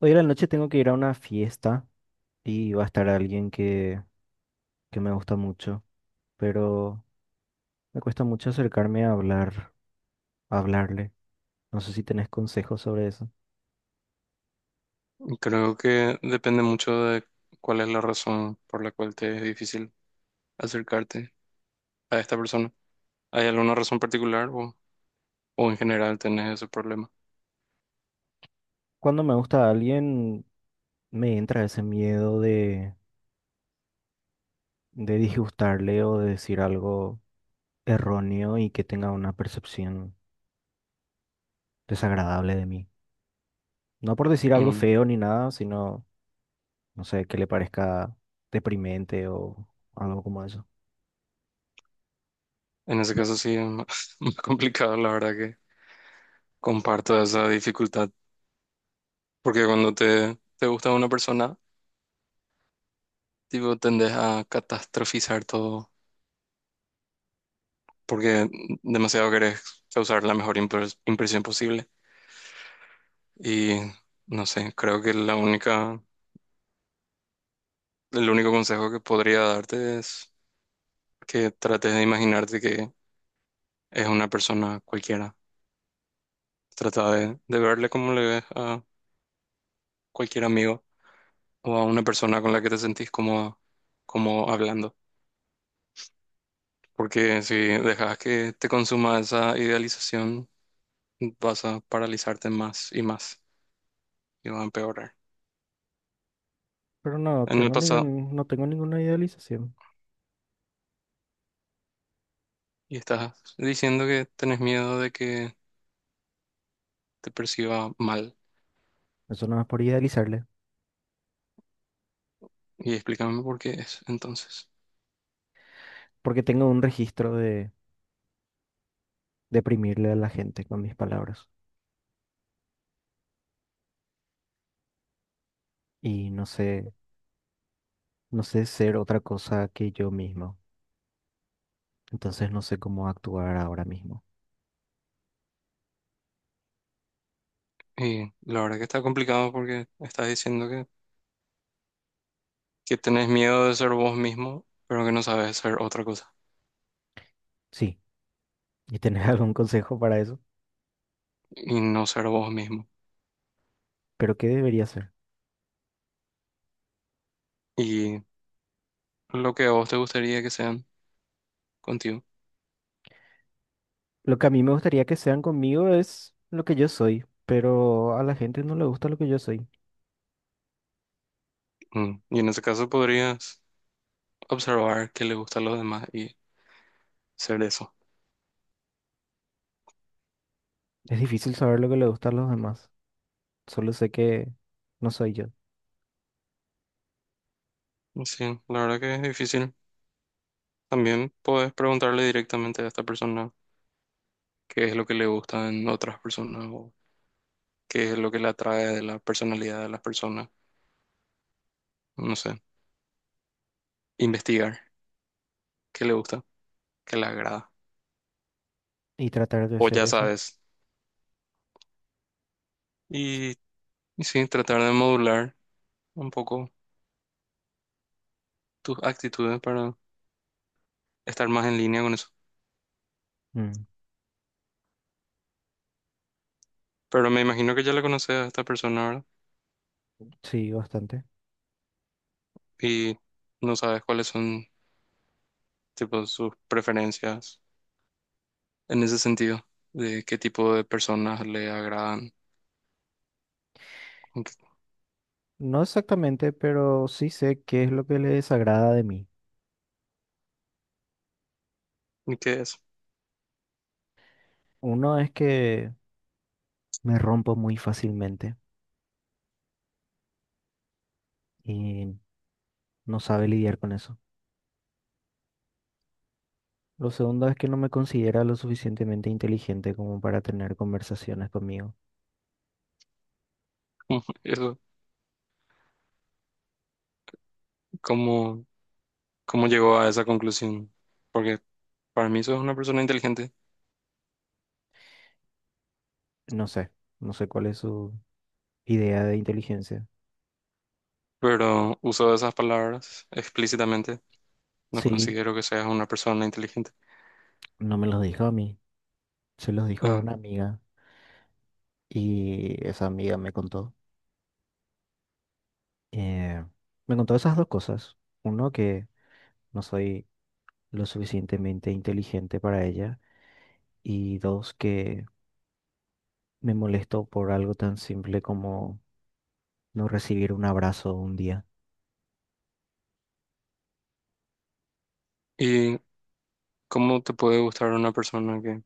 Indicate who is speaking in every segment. Speaker 1: Hoy a la noche tengo que ir a una fiesta y va a estar alguien que me gusta mucho, pero me cuesta mucho acercarme a hablar, a hablarle. No sé si tenés consejos sobre eso.
Speaker 2: Creo que depende mucho de cuál es la razón por la cual te es difícil acercarte a esta persona. ¿Hay alguna razón particular o en general tenés ese problema?
Speaker 1: Cuando me gusta a alguien, me entra ese miedo de disgustarle o de decir algo erróneo y que tenga una percepción desagradable de mí. No por decir algo
Speaker 2: Mm.
Speaker 1: feo ni nada, sino, no sé, que le parezca deprimente o algo como eso.
Speaker 2: En ese caso sí es más, más complicado, la verdad que comparto esa dificultad, porque cuando te gusta una persona, tipo, tendes a catastrofizar todo, porque demasiado querés causar la mejor impresión posible. Y no sé, creo que el único consejo que podría darte es que trates de imaginarte que es una persona cualquiera. Trata de verle como le ves a cualquier amigo o a una persona con la que te sentís como, como hablando. Porque si dejas que te consuma esa idealización, vas a paralizarte más y más y va a empeorar.
Speaker 1: Pero
Speaker 2: En el pasado,
Speaker 1: no tengo ninguna idealización.
Speaker 2: y estás diciendo que tenés miedo de que te perciba mal.
Speaker 1: Eso no es por idealizarle,
Speaker 2: Y explícame por qué es entonces.
Speaker 1: porque tengo un registro de deprimirle a la gente con mis palabras. Y no sé, no sé ser otra cosa que yo mismo. Entonces no sé cómo actuar ahora mismo.
Speaker 2: Y la verdad que está complicado porque estás diciendo que tenés miedo de ser vos mismo, pero que no sabes ser otra cosa
Speaker 1: Sí, y tener algún consejo para eso.
Speaker 2: y no ser vos mismo.
Speaker 1: Pero ¿qué debería hacer?
Speaker 2: Y lo que a vos te gustaría que sean contigo.
Speaker 1: Lo que a mí me gustaría que sean conmigo es lo que yo soy, pero a la gente no le gusta lo que yo soy.
Speaker 2: Mm. Y en ese caso podrías observar qué le gusta a los demás y ser eso.
Speaker 1: Es difícil saber lo que le gusta a los demás. Solo sé que no soy yo.
Speaker 2: Sí, la verdad que es difícil. También puedes preguntarle directamente a esta persona qué es lo que le gusta en otras personas o qué es lo que le atrae de la personalidad de las personas. No sé, investigar qué le gusta, qué le agrada.
Speaker 1: Y tratar de
Speaker 2: O
Speaker 1: hacer
Speaker 2: ya
Speaker 1: eso.
Speaker 2: sabes. Y, y sí, tratar de modular un poco tus actitudes para estar más en línea con eso.
Speaker 1: Mm.
Speaker 2: Pero me imagino que ya la conoces a esta persona, ¿verdad?
Speaker 1: Sí, bastante.
Speaker 2: Y no sabes cuáles son, tipo, sus preferencias en ese sentido, de qué tipo de personas le agradan y qué
Speaker 1: No exactamente, pero sí sé qué es lo que le desagrada de mí.
Speaker 2: y qué es.
Speaker 1: Uno es que me rompo muy fácilmente y no sabe lidiar con eso. Lo segundo es que no me considera lo suficientemente inteligente como para tener conversaciones conmigo.
Speaker 2: Eso, ¿cómo, ¿cómo llegó a esa conclusión? Porque para mí sos una persona inteligente,
Speaker 1: No sé, no sé cuál es su idea de inteligencia.
Speaker 2: pero uso esas palabras explícitamente. No
Speaker 1: Sí,
Speaker 2: considero que seas una persona inteligente.
Speaker 1: no me los dijo a mí, se los dijo a
Speaker 2: Ah,
Speaker 1: una amiga y esa amiga me contó. eh, Me contó esas dos cosas. Uno, que no soy lo suficientemente inteligente para ella y dos, que me molesto por algo tan simple como no recibir un abrazo un día.
Speaker 2: ¿y cómo te puede gustar una persona que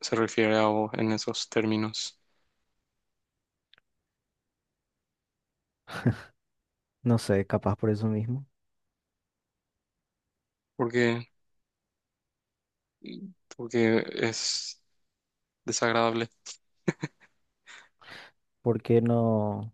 Speaker 2: se refiere a vos en esos términos,
Speaker 1: No sé, capaz por eso mismo.
Speaker 2: porque, porque es desagradable,
Speaker 1: ¿Por qué no?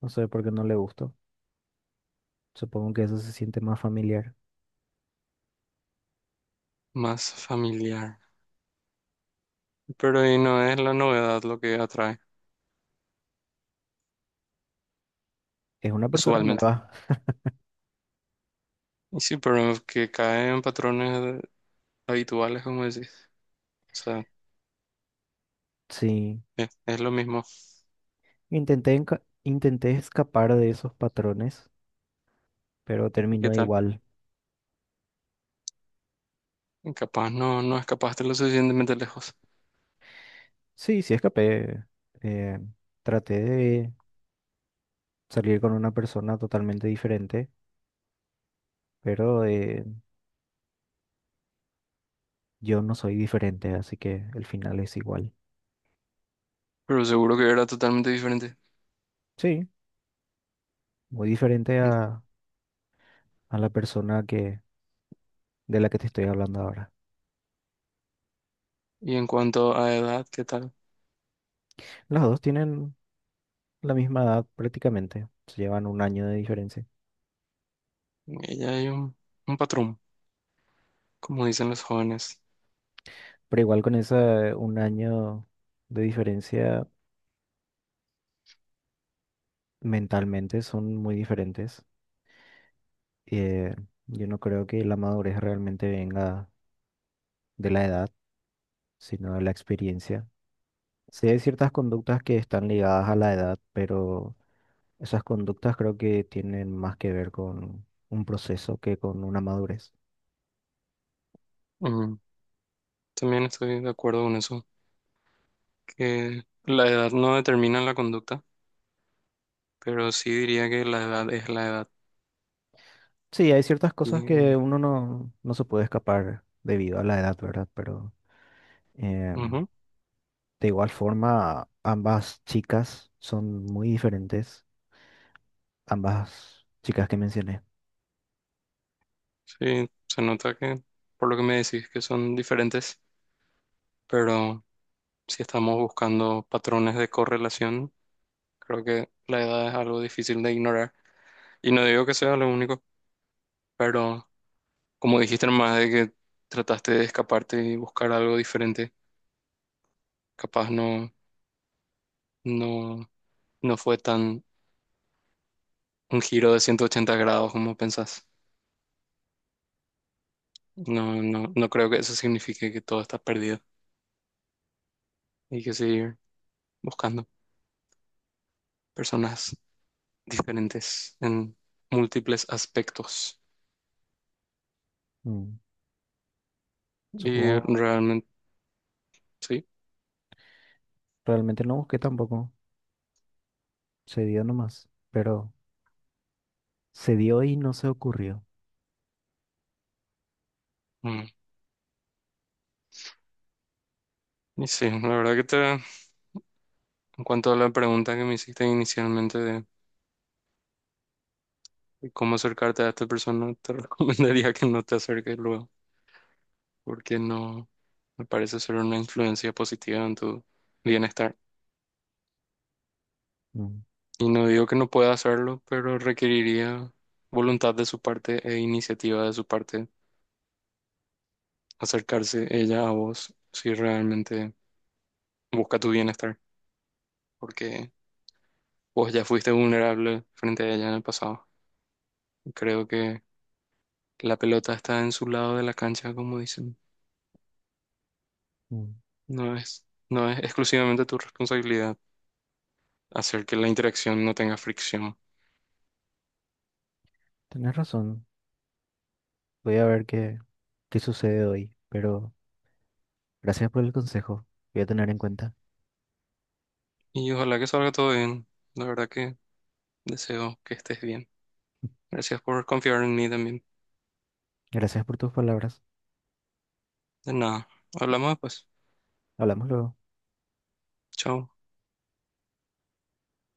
Speaker 1: No sé, por qué no le gustó. Supongo que eso se siente más familiar.
Speaker 2: más familiar. Pero ahí no es la novedad lo que atrae
Speaker 1: Es una persona
Speaker 2: usualmente.
Speaker 1: nueva.
Speaker 2: Y sí, pero que cae en patrones habituales, como decís. O sea,
Speaker 1: Sí,
Speaker 2: es lo mismo.
Speaker 1: intenté, intenté escapar de esos patrones, pero
Speaker 2: ¿Y qué
Speaker 1: terminó
Speaker 2: tal?
Speaker 1: igual.
Speaker 2: Capaz no escapaste lo suficientemente lejos,
Speaker 1: Sí, sí escapé. Eh, Traté de salir con una persona totalmente diferente, pero yo no soy diferente, así que el final es igual.
Speaker 2: pero seguro que era totalmente diferente.
Speaker 1: Sí, muy diferente a la persona de la que te estoy hablando ahora.
Speaker 2: Y en cuanto a edad, ¿qué tal?
Speaker 1: Las dos tienen la misma edad prácticamente, se llevan un año de diferencia,
Speaker 2: Ella hay un patrón, como dicen los jóvenes.
Speaker 1: pero igual con ese un año de diferencia mentalmente son muy diferentes. Eh, yo no creo que la madurez realmente venga de la edad, sino de la experiencia. Sí hay ciertas conductas que están ligadas a la edad, pero esas conductas creo que tienen más que ver con un proceso que con una madurez.
Speaker 2: Mm, también estoy de acuerdo con eso. Que la edad no determina la conducta, pero sí diría que la edad es la edad.
Speaker 1: Sí, hay ciertas
Speaker 2: Y,
Speaker 1: cosas que uno no, no se puede escapar debido a la edad, ¿verdad? Pero eh,
Speaker 2: ujú,
Speaker 1: de igual forma, ambas chicas son muy diferentes, ambas chicas que mencioné.
Speaker 2: sí, se nota que por lo que me decís que son diferentes, pero si estamos buscando patrones de correlación, creo que la edad es algo difícil de ignorar. Y no digo que sea lo único, pero como dijiste nomás de que trataste de escaparte y buscar algo diferente, capaz no, no fue tan un giro de 180 grados como pensás. No, no, no creo que eso signifique que todo está perdido. Hay que seguir buscando personas diferentes en múltiples aspectos.
Speaker 1: Mm.
Speaker 2: Y
Speaker 1: Supongo,
Speaker 2: realmente, sí.
Speaker 1: realmente no busqué tampoco, se dio nomás, pero se dio y no se ocurrió.
Speaker 2: Mm. Y sí, la verdad que te, en cuanto a la pregunta que me hiciste inicialmente de cómo acercarte a esta persona, te recomendaría que no te acerques luego, porque no me parece ser una influencia positiva en tu bienestar.
Speaker 1: Mm.
Speaker 2: Y no digo que no pueda hacerlo, pero requeriría voluntad de su parte e iniciativa de su parte acercarse ella a vos si realmente busca tu bienestar, porque vos ya fuiste vulnerable frente a ella en el pasado. Creo que la pelota está en su lado de la cancha, como dicen.
Speaker 1: Mm.
Speaker 2: No es exclusivamente tu responsabilidad hacer que la interacción no tenga fricción.
Speaker 1: Tenés razón, voy a ver qué sucede hoy, pero. Gracias por el consejo. Voy a tener en cuenta.
Speaker 2: Y ojalá que salga todo bien. La verdad que deseo que estés bien. Gracias por confiar en mí también.
Speaker 1: Gracias por tus palabras.
Speaker 2: De nada. Hablamos después.
Speaker 1: Hablamos luego.
Speaker 2: Chao.